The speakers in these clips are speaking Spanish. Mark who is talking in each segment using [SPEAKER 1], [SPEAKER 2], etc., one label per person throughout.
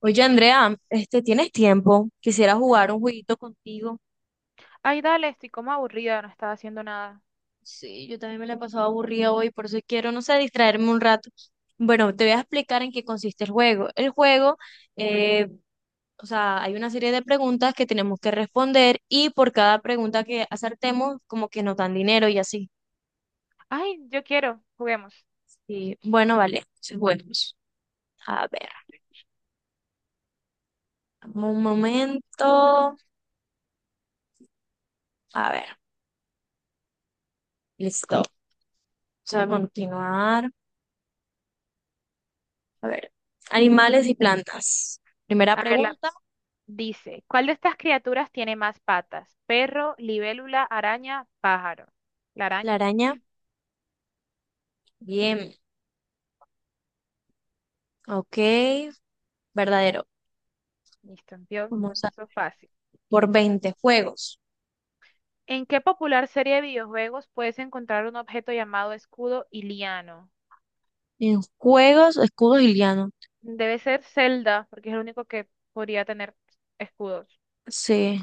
[SPEAKER 1] Oye, Andrea, este, ¿tienes tiempo? Quisiera jugar un jueguito contigo.
[SPEAKER 2] Ay, dale, estoy como aburrida, no estaba haciendo nada.
[SPEAKER 1] Sí, yo también me la he pasado aburrida hoy, por eso quiero, no sé, distraerme un rato. Bueno, te voy a explicar en qué consiste el juego. El juego, eh, o sea, hay una serie de preguntas que tenemos que responder y por cada pregunta que acertemos, como que nos dan dinero y así.
[SPEAKER 2] Ay, yo quiero, juguemos.
[SPEAKER 1] Y bueno, vale, sí, bueno. A ver, un momento. A ver, listo. Vamos a continuar. A ver, animales y plantas. Primera
[SPEAKER 2] A verla.
[SPEAKER 1] pregunta,
[SPEAKER 2] Dice, ¿cuál de estas criaturas tiene más patas? Perro, libélula, araña, pájaro. La
[SPEAKER 1] la
[SPEAKER 2] araña.
[SPEAKER 1] araña. Bien, ok, verdadero.
[SPEAKER 2] Listo, vio,
[SPEAKER 1] Vamos a
[SPEAKER 2] eso fácil.
[SPEAKER 1] por 20 juegos.
[SPEAKER 2] ¿En qué popular serie de videojuegos puedes encontrar un objeto llamado escudo iliano?
[SPEAKER 1] En juegos, escudos y lianos.
[SPEAKER 2] Debe ser Zelda, porque es el único que podría tener escudos.
[SPEAKER 1] Sí,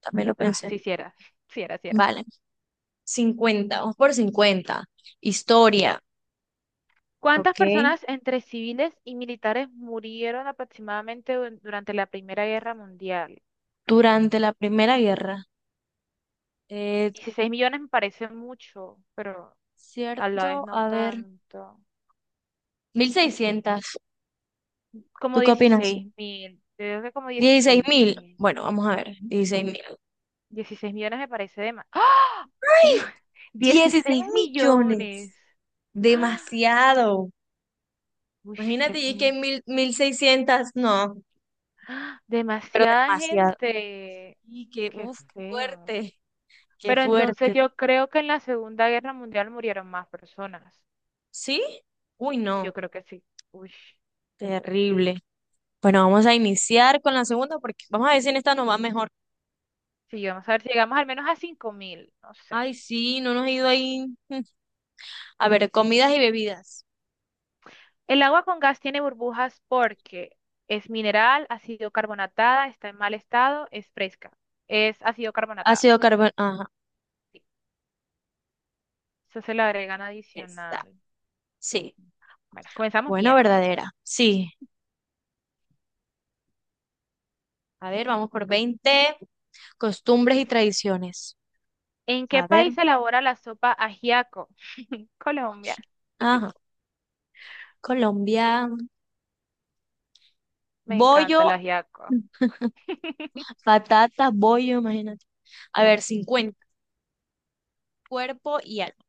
[SPEAKER 1] también lo
[SPEAKER 2] Ah,
[SPEAKER 1] pensé.
[SPEAKER 2] sí, sí era. Sí era, sí era.
[SPEAKER 1] Vale, 50, vamos por 50. Historia,
[SPEAKER 2] ¿Cuántas
[SPEAKER 1] ok.
[SPEAKER 2] personas entre civiles y militares murieron aproximadamente durante la Primera Guerra Mundial?
[SPEAKER 1] Durante la Primera Guerra. Eh,
[SPEAKER 2] 16 millones me parece mucho, pero a la vez
[SPEAKER 1] cierto,
[SPEAKER 2] no
[SPEAKER 1] a ver,
[SPEAKER 2] tanto.
[SPEAKER 1] 1600.
[SPEAKER 2] Como
[SPEAKER 1] ¿Tú qué opinas?
[SPEAKER 2] 16 mil, creo que como
[SPEAKER 1] Dieciséis
[SPEAKER 2] 16
[SPEAKER 1] mil.
[SPEAKER 2] mil.
[SPEAKER 1] Bueno, vamos a ver, 16.000.
[SPEAKER 2] 16 millones me parece de más. ¡Ah!
[SPEAKER 1] 16 millones.
[SPEAKER 2] Millones. ¡Ah!
[SPEAKER 1] Demasiado.
[SPEAKER 2] Uy, qué
[SPEAKER 1] Imagínate, y que mil seiscientas, no,
[SPEAKER 2] ¡ah!
[SPEAKER 1] pero
[SPEAKER 2] Demasiada
[SPEAKER 1] demasiado.
[SPEAKER 2] gente.
[SPEAKER 1] Y que,
[SPEAKER 2] Qué
[SPEAKER 1] uff, qué
[SPEAKER 2] feo.
[SPEAKER 1] fuerte, qué
[SPEAKER 2] Pero entonces
[SPEAKER 1] fuerte.
[SPEAKER 2] yo creo que en la Segunda Guerra Mundial murieron más personas.
[SPEAKER 1] ¿Sí? Uy,
[SPEAKER 2] Yo
[SPEAKER 1] no,
[SPEAKER 2] creo que sí. Uy,
[SPEAKER 1] terrible. Bueno, vamos a iniciar con la segunda porque vamos a ver si en esta nos va mejor.
[SPEAKER 2] sí, vamos a ver si llegamos al menos a 5000, no sé.
[SPEAKER 1] Ay, sí, no nos ha ido ahí. A ver, comidas y bebidas.
[SPEAKER 2] El agua con gas tiene burbujas porque es mineral, ha sido carbonatada, está en mal estado, es fresca. Es, ha sido carbonatada.
[SPEAKER 1] Ácido carbón. Ajá,
[SPEAKER 2] Sí. Eso se le agregan
[SPEAKER 1] está.
[SPEAKER 2] adicional.
[SPEAKER 1] Sí.
[SPEAKER 2] Bueno, comenzamos
[SPEAKER 1] Bueno,
[SPEAKER 2] bien.
[SPEAKER 1] verdadera. Sí. A ver, vamos por 20. Costumbres y tradiciones.
[SPEAKER 2] ¿En qué
[SPEAKER 1] A ver.
[SPEAKER 2] país se elabora la sopa ajiaco? Colombia.
[SPEAKER 1] Ajá. Colombia.
[SPEAKER 2] Me
[SPEAKER 1] Bollo,
[SPEAKER 2] encanta el ajiaco.
[SPEAKER 1] patata, bollo, imagínate. A ver, 50. Cuerpo y alma.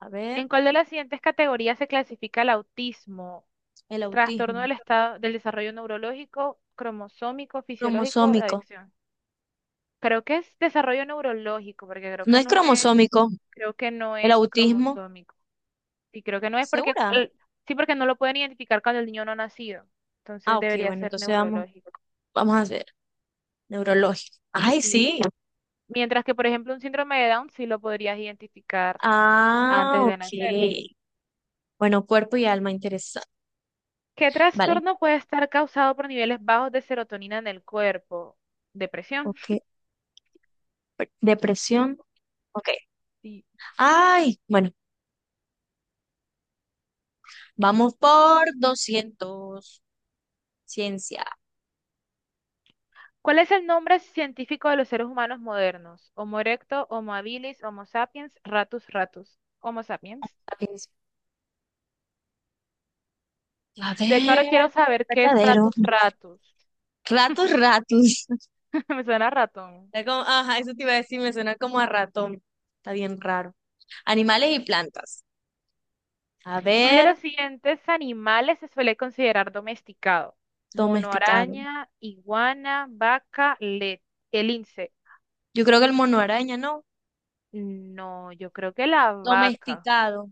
[SPEAKER 1] A ver,
[SPEAKER 2] ¿En cuál de las siguientes categorías se clasifica el autismo?
[SPEAKER 1] el
[SPEAKER 2] Trastorno
[SPEAKER 1] autismo.
[SPEAKER 2] del estado del desarrollo neurológico, cromosómico, fisiológico, de
[SPEAKER 1] Cromosómico.
[SPEAKER 2] adicción. Creo que es desarrollo neurológico, porque creo
[SPEAKER 1] No
[SPEAKER 2] que
[SPEAKER 1] es
[SPEAKER 2] no es,
[SPEAKER 1] cromosómico.
[SPEAKER 2] creo que no
[SPEAKER 1] El
[SPEAKER 2] es
[SPEAKER 1] autismo.
[SPEAKER 2] cromosómico. Y creo que no es porque,
[SPEAKER 1] ¿Segura?
[SPEAKER 2] sí, porque no lo pueden identificar cuando el niño no ha nacido.
[SPEAKER 1] Ah,
[SPEAKER 2] Entonces
[SPEAKER 1] ok,
[SPEAKER 2] debería
[SPEAKER 1] bueno,
[SPEAKER 2] ser
[SPEAKER 1] entonces vamos,
[SPEAKER 2] neurológico.
[SPEAKER 1] vamos a hacer neurológico. Ay,
[SPEAKER 2] Sí.
[SPEAKER 1] sí.
[SPEAKER 2] Mientras que, por ejemplo, un síndrome de Down sí lo podrías identificar
[SPEAKER 1] Ah,
[SPEAKER 2] antes de nacer.
[SPEAKER 1] ok. Bueno, cuerpo y alma, interesante.
[SPEAKER 2] ¿Qué
[SPEAKER 1] Vale,
[SPEAKER 2] trastorno puede estar causado por niveles bajos de serotonina en el cuerpo? Depresión.
[SPEAKER 1] ok. Depresión. Ok.
[SPEAKER 2] Sí.
[SPEAKER 1] Ay, bueno, vamos por 200. Ciencia.
[SPEAKER 2] ¿Cuál es el nombre científico de los seres humanos modernos? Homo erecto, Homo habilis, Homo sapiens, Ratus ratus. Homo sapiens.
[SPEAKER 1] A
[SPEAKER 2] De hecho, ahora
[SPEAKER 1] ver,
[SPEAKER 2] quiero saber qué es
[SPEAKER 1] verdadero.
[SPEAKER 2] ratus ratus.
[SPEAKER 1] Ratos, ratus.
[SPEAKER 2] Me suena a ratón.
[SPEAKER 1] Está como ajá, eso te iba a decir, me suena como a ratón. Está bien raro. Animales y plantas. A
[SPEAKER 2] ¿Cuál de
[SPEAKER 1] ver,
[SPEAKER 2] los siguientes animales se suele considerar domesticado? Mono
[SPEAKER 1] domesticado.
[SPEAKER 2] araña, iguana, vaca, el lince.
[SPEAKER 1] Yo creo que el mono araña, ¿no?
[SPEAKER 2] No, yo creo que la vaca.
[SPEAKER 1] Domesticado.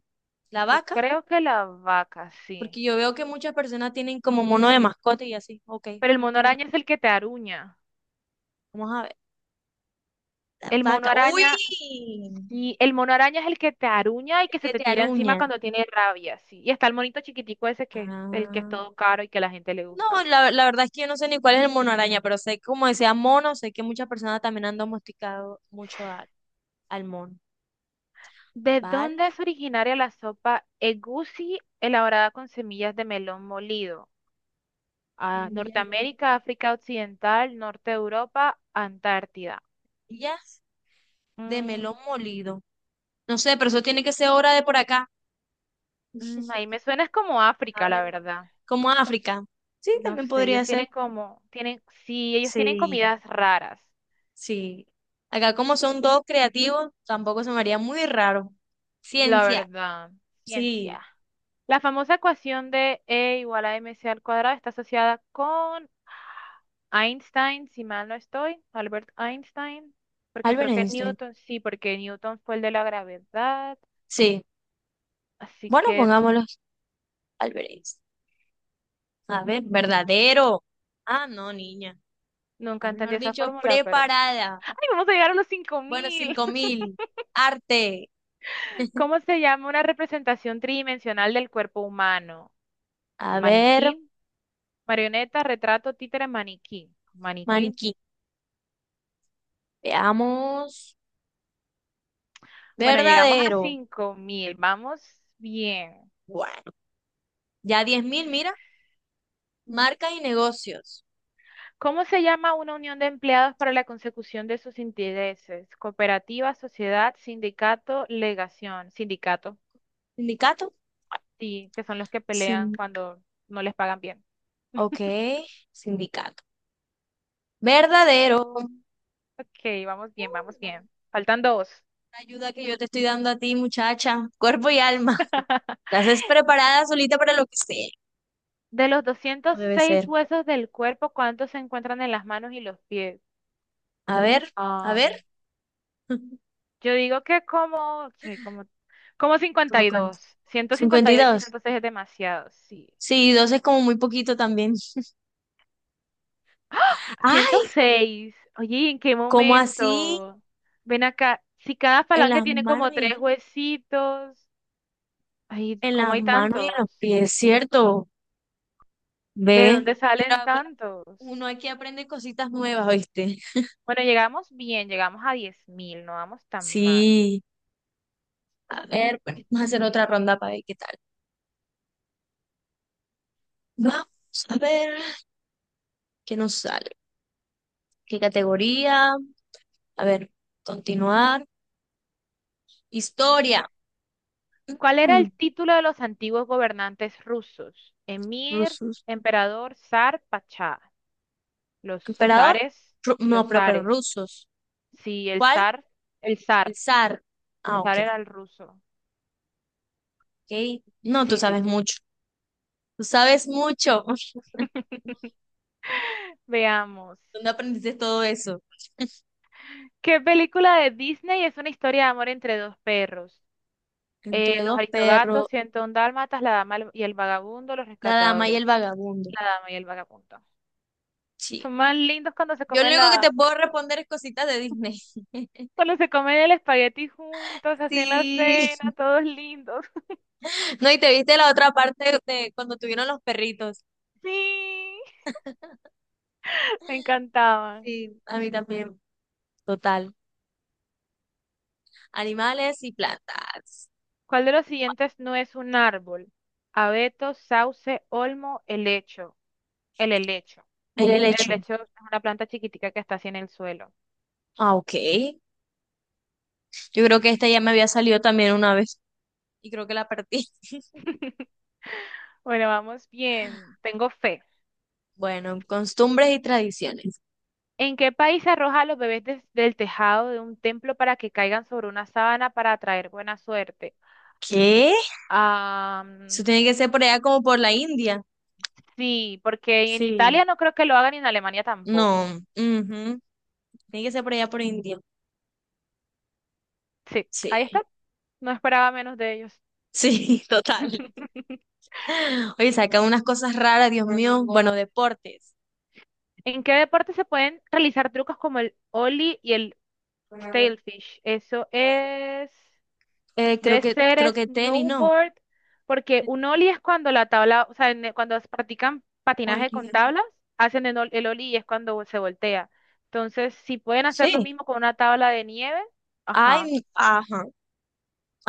[SPEAKER 1] La
[SPEAKER 2] Yo
[SPEAKER 1] vaca,
[SPEAKER 2] creo que la vaca, sí.
[SPEAKER 1] porque yo veo que muchas personas tienen como mono de mascota y así. Ok,
[SPEAKER 2] Pero el
[SPEAKER 1] vamos a
[SPEAKER 2] mono
[SPEAKER 1] ponerla.
[SPEAKER 2] araña es el que te aruña.
[SPEAKER 1] Vamos a ver. La
[SPEAKER 2] El mono
[SPEAKER 1] vaca.
[SPEAKER 2] araña,
[SPEAKER 1] ¡Uy!
[SPEAKER 2] sí, el mono araña es el que te aruña y
[SPEAKER 1] El
[SPEAKER 2] que se
[SPEAKER 1] que
[SPEAKER 2] te
[SPEAKER 1] te
[SPEAKER 2] tira encima
[SPEAKER 1] aruña.
[SPEAKER 2] cuando tiene rabia, sí. Y está el monito chiquitico ese que es el que es
[SPEAKER 1] Ah.
[SPEAKER 2] todo caro y que a la gente le
[SPEAKER 1] No,
[SPEAKER 2] gusta.
[SPEAKER 1] la verdad es que yo no sé ni cuál es el mono araña, pero sé, como decía mono, sé que muchas personas también han domesticado mucho al mono.
[SPEAKER 2] ¿De
[SPEAKER 1] ¿Vale?
[SPEAKER 2] dónde es originaria la sopa egusi elaborada con semillas de melón molido? Ah,
[SPEAKER 1] Semillas de
[SPEAKER 2] Norteamérica, África Occidental, Norte de Europa, Antártida.
[SPEAKER 1] semillas de
[SPEAKER 2] Mm,
[SPEAKER 1] melón molido. No sé, pero eso tiene que ser hora de por acá.
[SPEAKER 2] ahí me suena es como
[SPEAKER 1] A
[SPEAKER 2] África, la
[SPEAKER 1] ver,
[SPEAKER 2] verdad.
[SPEAKER 1] como África. Sí,
[SPEAKER 2] No
[SPEAKER 1] también
[SPEAKER 2] sé, ellos
[SPEAKER 1] podría ser.
[SPEAKER 2] tienen como, tienen, sí, ellos tienen
[SPEAKER 1] Sí,
[SPEAKER 2] comidas raras.
[SPEAKER 1] sí. Acá como son todos creativos, tampoco se me haría muy raro.
[SPEAKER 2] La
[SPEAKER 1] Ciencia,
[SPEAKER 2] verdad.
[SPEAKER 1] sí.
[SPEAKER 2] Ciencia. La famosa ecuación de E igual a mc al cuadrado está asociada con Einstein, si mal no estoy, Albert Einstein, porque
[SPEAKER 1] Albert
[SPEAKER 2] creo que
[SPEAKER 1] Einstein,
[SPEAKER 2] Newton, sí, porque Newton fue el de la gravedad,
[SPEAKER 1] sí.
[SPEAKER 2] así
[SPEAKER 1] Bueno,
[SPEAKER 2] que
[SPEAKER 1] pongámoslos Albert Einstein. A ver, verdadero. Ah, no, niña.
[SPEAKER 2] nunca
[SPEAKER 1] Estás,
[SPEAKER 2] entendí
[SPEAKER 1] mejor
[SPEAKER 2] esa
[SPEAKER 1] dicho,
[SPEAKER 2] fórmula, pero
[SPEAKER 1] preparada.
[SPEAKER 2] ¡ay, vamos a llegar a los cinco
[SPEAKER 1] Bueno,
[SPEAKER 2] mil!
[SPEAKER 1] cinco mil Arte.
[SPEAKER 2] ¿Cómo se llama una representación tridimensional del cuerpo humano?
[SPEAKER 1] A ver,
[SPEAKER 2] Maniquí, marioneta, retrato, títere, maniquí. Maniquí.
[SPEAKER 1] maniquí. Veamos.
[SPEAKER 2] Bueno, llegamos a
[SPEAKER 1] Verdadero.
[SPEAKER 2] 5.000, vamos bien.
[SPEAKER 1] Bueno, ya 10.000, mira. Marcas y negocios.
[SPEAKER 2] ¿Cómo se llama una unión de empleados para la consecución de sus intereses? Cooperativa, sociedad, sindicato, legación. Sindicato,
[SPEAKER 1] ¿Sindicato?
[SPEAKER 2] sí, que son los que pelean
[SPEAKER 1] Sin,
[SPEAKER 2] cuando no les pagan bien.
[SPEAKER 1] ok, sindicato. Verdadero.
[SPEAKER 2] Ok, vamos bien,
[SPEAKER 1] Uh,
[SPEAKER 2] vamos
[SPEAKER 1] no.
[SPEAKER 2] bien. Faltan dos.
[SPEAKER 1] La ayuda que yo te estoy dando a ti, muchacha. Cuerpo y alma. La haces preparada solita para lo que sea.
[SPEAKER 2] De los
[SPEAKER 1] Como
[SPEAKER 2] doscientos
[SPEAKER 1] debe
[SPEAKER 2] seis
[SPEAKER 1] ser.
[SPEAKER 2] huesos del cuerpo, ¿cuántos se encuentran en las manos y los pies?
[SPEAKER 1] A ver, a ver.
[SPEAKER 2] Yo digo que como, che, como,
[SPEAKER 1] ¿Cómo cuánto?
[SPEAKER 2] 52,
[SPEAKER 1] cincuenta y
[SPEAKER 2] 158 y
[SPEAKER 1] dos
[SPEAKER 2] 106 es demasiado, sí.
[SPEAKER 1] Sí, dos es como muy poquito también. Ay,
[SPEAKER 2] 106, oye, ¿en qué
[SPEAKER 1] ¿cómo así?
[SPEAKER 2] momento? Ven acá, si cada
[SPEAKER 1] En
[SPEAKER 2] falange
[SPEAKER 1] las
[SPEAKER 2] tiene
[SPEAKER 1] manos
[SPEAKER 2] como
[SPEAKER 1] y
[SPEAKER 2] tres huesitos, ay,
[SPEAKER 1] en
[SPEAKER 2] ¿cómo
[SPEAKER 1] las
[SPEAKER 2] hay
[SPEAKER 1] manos y en los
[SPEAKER 2] tantos?
[SPEAKER 1] pies, ¿cierto?
[SPEAKER 2] ¿De
[SPEAKER 1] Ve,
[SPEAKER 2] dónde salen
[SPEAKER 1] mira,
[SPEAKER 2] tantos?
[SPEAKER 1] uno aquí aprende cositas nuevas, ¿oíste?
[SPEAKER 2] Bueno, llegamos bien, llegamos a diez mil, no vamos tan mal.
[SPEAKER 1] Sí, a ver, bueno, vamos a hacer otra ronda para ver qué tal. Vamos a ver qué nos sale, qué categoría, a ver, continuar. Historia,
[SPEAKER 2] ¿Cuál era
[SPEAKER 1] mm,
[SPEAKER 2] el título de los antiguos gobernantes rusos? Emir,
[SPEAKER 1] rusos.
[SPEAKER 2] emperador, zar, pachá. Los
[SPEAKER 1] ¿Emperador?
[SPEAKER 2] zares,
[SPEAKER 1] No,
[SPEAKER 2] los
[SPEAKER 1] pero
[SPEAKER 2] zares.
[SPEAKER 1] rusos.
[SPEAKER 2] Sí,
[SPEAKER 1] ¿Cuál?
[SPEAKER 2] el
[SPEAKER 1] El
[SPEAKER 2] zar.
[SPEAKER 1] zar. Ah,
[SPEAKER 2] El
[SPEAKER 1] ok,
[SPEAKER 2] zar era el ruso.
[SPEAKER 1] ok. No, tú
[SPEAKER 2] Sí, sí,
[SPEAKER 1] sabes
[SPEAKER 2] sí.
[SPEAKER 1] mucho, tú sabes mucho.
[SPEAKER 2] Veamos.
[SPEAKER 1] ¿Dónde aprendiste todo eso?
[SPEAKER 2] ¿Qué película de Disney es una historia de amor entre dos perros?
[SPEAKER 1] Entre
[SPEAKER 2] Los
[SPEAKER 1] dos perros,
[SPEAKER 2] Aristogatos, 101 Dálmatas, La Dama y el Vagabundo, Los
[SPEAKER 1] la dama y el
[SPEAKER 2] Rescatadores.
[SPEAKER 1] vagabundo.
[SPEAKER 2] La Dama y el Vagabundo.
[SPEAKER 1] Sí.
[SPEAKER 2] Son más lindos cuando se
[SPEAKER 1] Yo lo
[SPEAKER 2] comen
[SPEAKER 1] único que te puedo responder es cositas de Disney.
[SPEAKER 2] cuando se comen el espagueti juntos, así en la
[SPEAKER 1] Sí,
[SPEAKER 2] cena, todos lindos.
[SPEAKER 1] no, y te viste la otra parte de cuando tuvieron los perritos.
[SPEAKER 2] Sí, me encantaban.
[SPEAKER 1] Sí. A mí también, total. Animales y plantas.
[SPEAKER 2] ¿Cuál de los siguientes no es un árbol? Abeto, sauce, olmo, helecho. El helecho.
[SPEAKER 1] El
[SPEAKER 2] El
[SPEAKER 1] hecho.
[SPEAKER 2] helecho es una planta chiquitica que está así en el suelo.
[SPEAKER 1] Ah, ok. Yo creo que esta ya me había salido también una vez y creo que la perdí.
[SPEAKER 2] Bueno, vamos bien. Tengo fe.
[SPEAKER 1] Bueno, costumbres y tradiciones.
[SPEAKER 2] ¿En qué país se arroja a los bebés desde el tejado de un templo para que caigan sobre una sábana para atraer buena suerte?
[SPEAKER 1] ¿Qué?
[SPEAKER 2] Ah,
[SPEAKER 1] Eso tiene que ser por allá como por la India.
[SPEAKER 2] sí, porque en
[SPEAKER 1] Sí.
[SPEAKER 2] Italia no creo que lo hagan y en Alemania
[SPEAKER 1] No.
[SPEAKER 2] tampoco.
[SPEAKER 1] Ujú. Tiene que ser por allá por India.
[SPEAKER 2] Sí,
[SPEAKER 1] Sí.
[SPEAKER 2] ahí está. No esperaba menos de ellos.
[SPEAKER 1] Sí, total. Oye, sacan unas cosas raras, Dios mío. Bueno, deportes.
[SPEAKER 2] ¿En qué deporte se pueden realizar trucos como el ollie y el Stalefish, eso es,
[SPEAKER 1] Creo
[SPEAKER 2] debe
[SPEAKER 1] que, creo
[SPEAKER 2] ser
[SPEAKER 1] que tenis, ¿no?
[SPEAKER 2] snowboard, porque un ollie es cuando la tabla, o sea, cuando practican patinaje con
[SPEAKER 1] Oye,
[SPEAKER 2] tablas, hacen el, el ollie y es cuando se voltea. Entonces, si pueden hacer lo
[SPEAKER 1] sí.
[SPEAKER 2] mismo con una tabla de nieve,
[SPEAKER 1] Ay,
[SPEAKER 2] ajá,
[SPEAKER 1] ajá,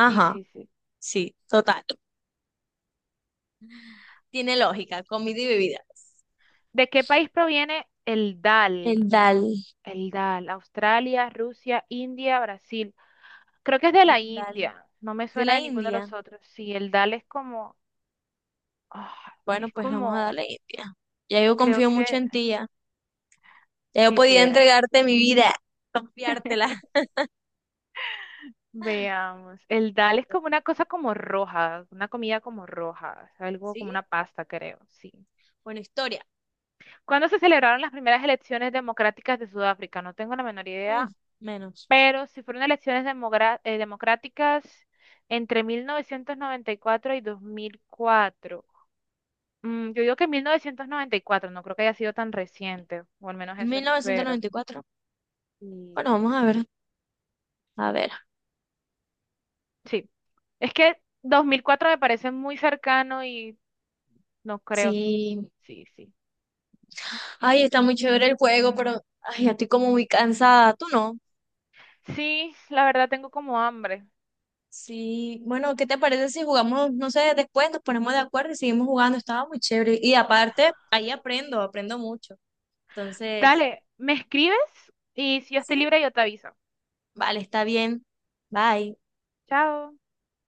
[SPEAKER 2] sí, sí, sí.
[SPEAKER 1] Sí, total. Tiene lógica, comida y bebidas.
[SPEAKER 2] ¿De qué país proviene el dal?
[SPEAKER 1] El dal.
[SPEAKER 2] El dal, Australia, Rusia, India, Brasil. Creo que es de la
[SPEAKER 1] El dal.
[SPEAKER 2] India, no me
[SPEAKER 1] De
[SPEAKER 2] suena
[SPEAKER 1] la
[SPEAKER 2] de ninguno de
[SPEAKER 1] India.
[SPEAKER 2] los otros. Sí, el dal es como, ah,
[SPEAKER 1] Bueno,
[SPEAKER 2] es
[SPEAKER 1] pues vamos a
[SPEAKER 2] como...
[SPEAKER 1] darle India. Ya yo
[SPEAKER 2] Creo
[SPEAKER 1] confío mucho
[SPEAKER 2] que
[SPEAKER 1] en ti, ya. Ya yo
[SPEAKER 2] sí, sí
[SPEAKER 1] podía
[SPEAKER 2] era.
[SPEAKER 1] entregarte mi vida, confiártela.
[SPEAKER 2] Veamos. El dal es como una cosa como roja, una comida como roja, algo
[SPEAKER 1] ¿Sí?
[SPEAKER 2] como una pasta, creo, sí.
[SPEAKER 1] Bueno, historia.
[SPEAKER 2] ¿Cuándo se celebraron las primeras elecciones democráticas de Sudáfrica? No tengo la menor
[SPEAKER 1] Mm,
[SPEAKER 2] idea,
[SPEAKER 1] menos.
[SPEAKER 2] pero si fueron elecciones democráticas entre 1994 y 2004. Mm, yo digo que 1994, no creo que haya sido tan reciente, o al menos eso espero.
[SPEAKER 1] 1994. Bueno,
[SPEAKER 2] Y
[SPEAKER 1] vamos a ver. A ver.
[SPEAKER 2] sí, es que 2004 me parece muy cercano y... No creo.
[SPEAKER 1] Sí.
[SPEAKER 2] Sí, sí.
[SPEAKER 1] Ay, está muy chévere el juego, pero ay, ya estoy como muy cansada. ¿Tú no?
[SPEAKER 2] Sí, la verdad tengo como hambre.
[SPEAKER 1] Sí, bueno, ¿qué te parece si jugamos, no sé, después nos ponemos de acuerdo y seguimos jugando? Estaba muy chévere. Y aparte, ahí aprendo, aprendo mucho. Entonces,
[SPEAKER 2] Dale, me escribes y si yo
[SPEAKER 1] sí,
[SPEAKER 2] estoy libre yo te aviso.
[SPEAKER 1] vale, está bien. Bye.
[SPEAKER 2] Chao.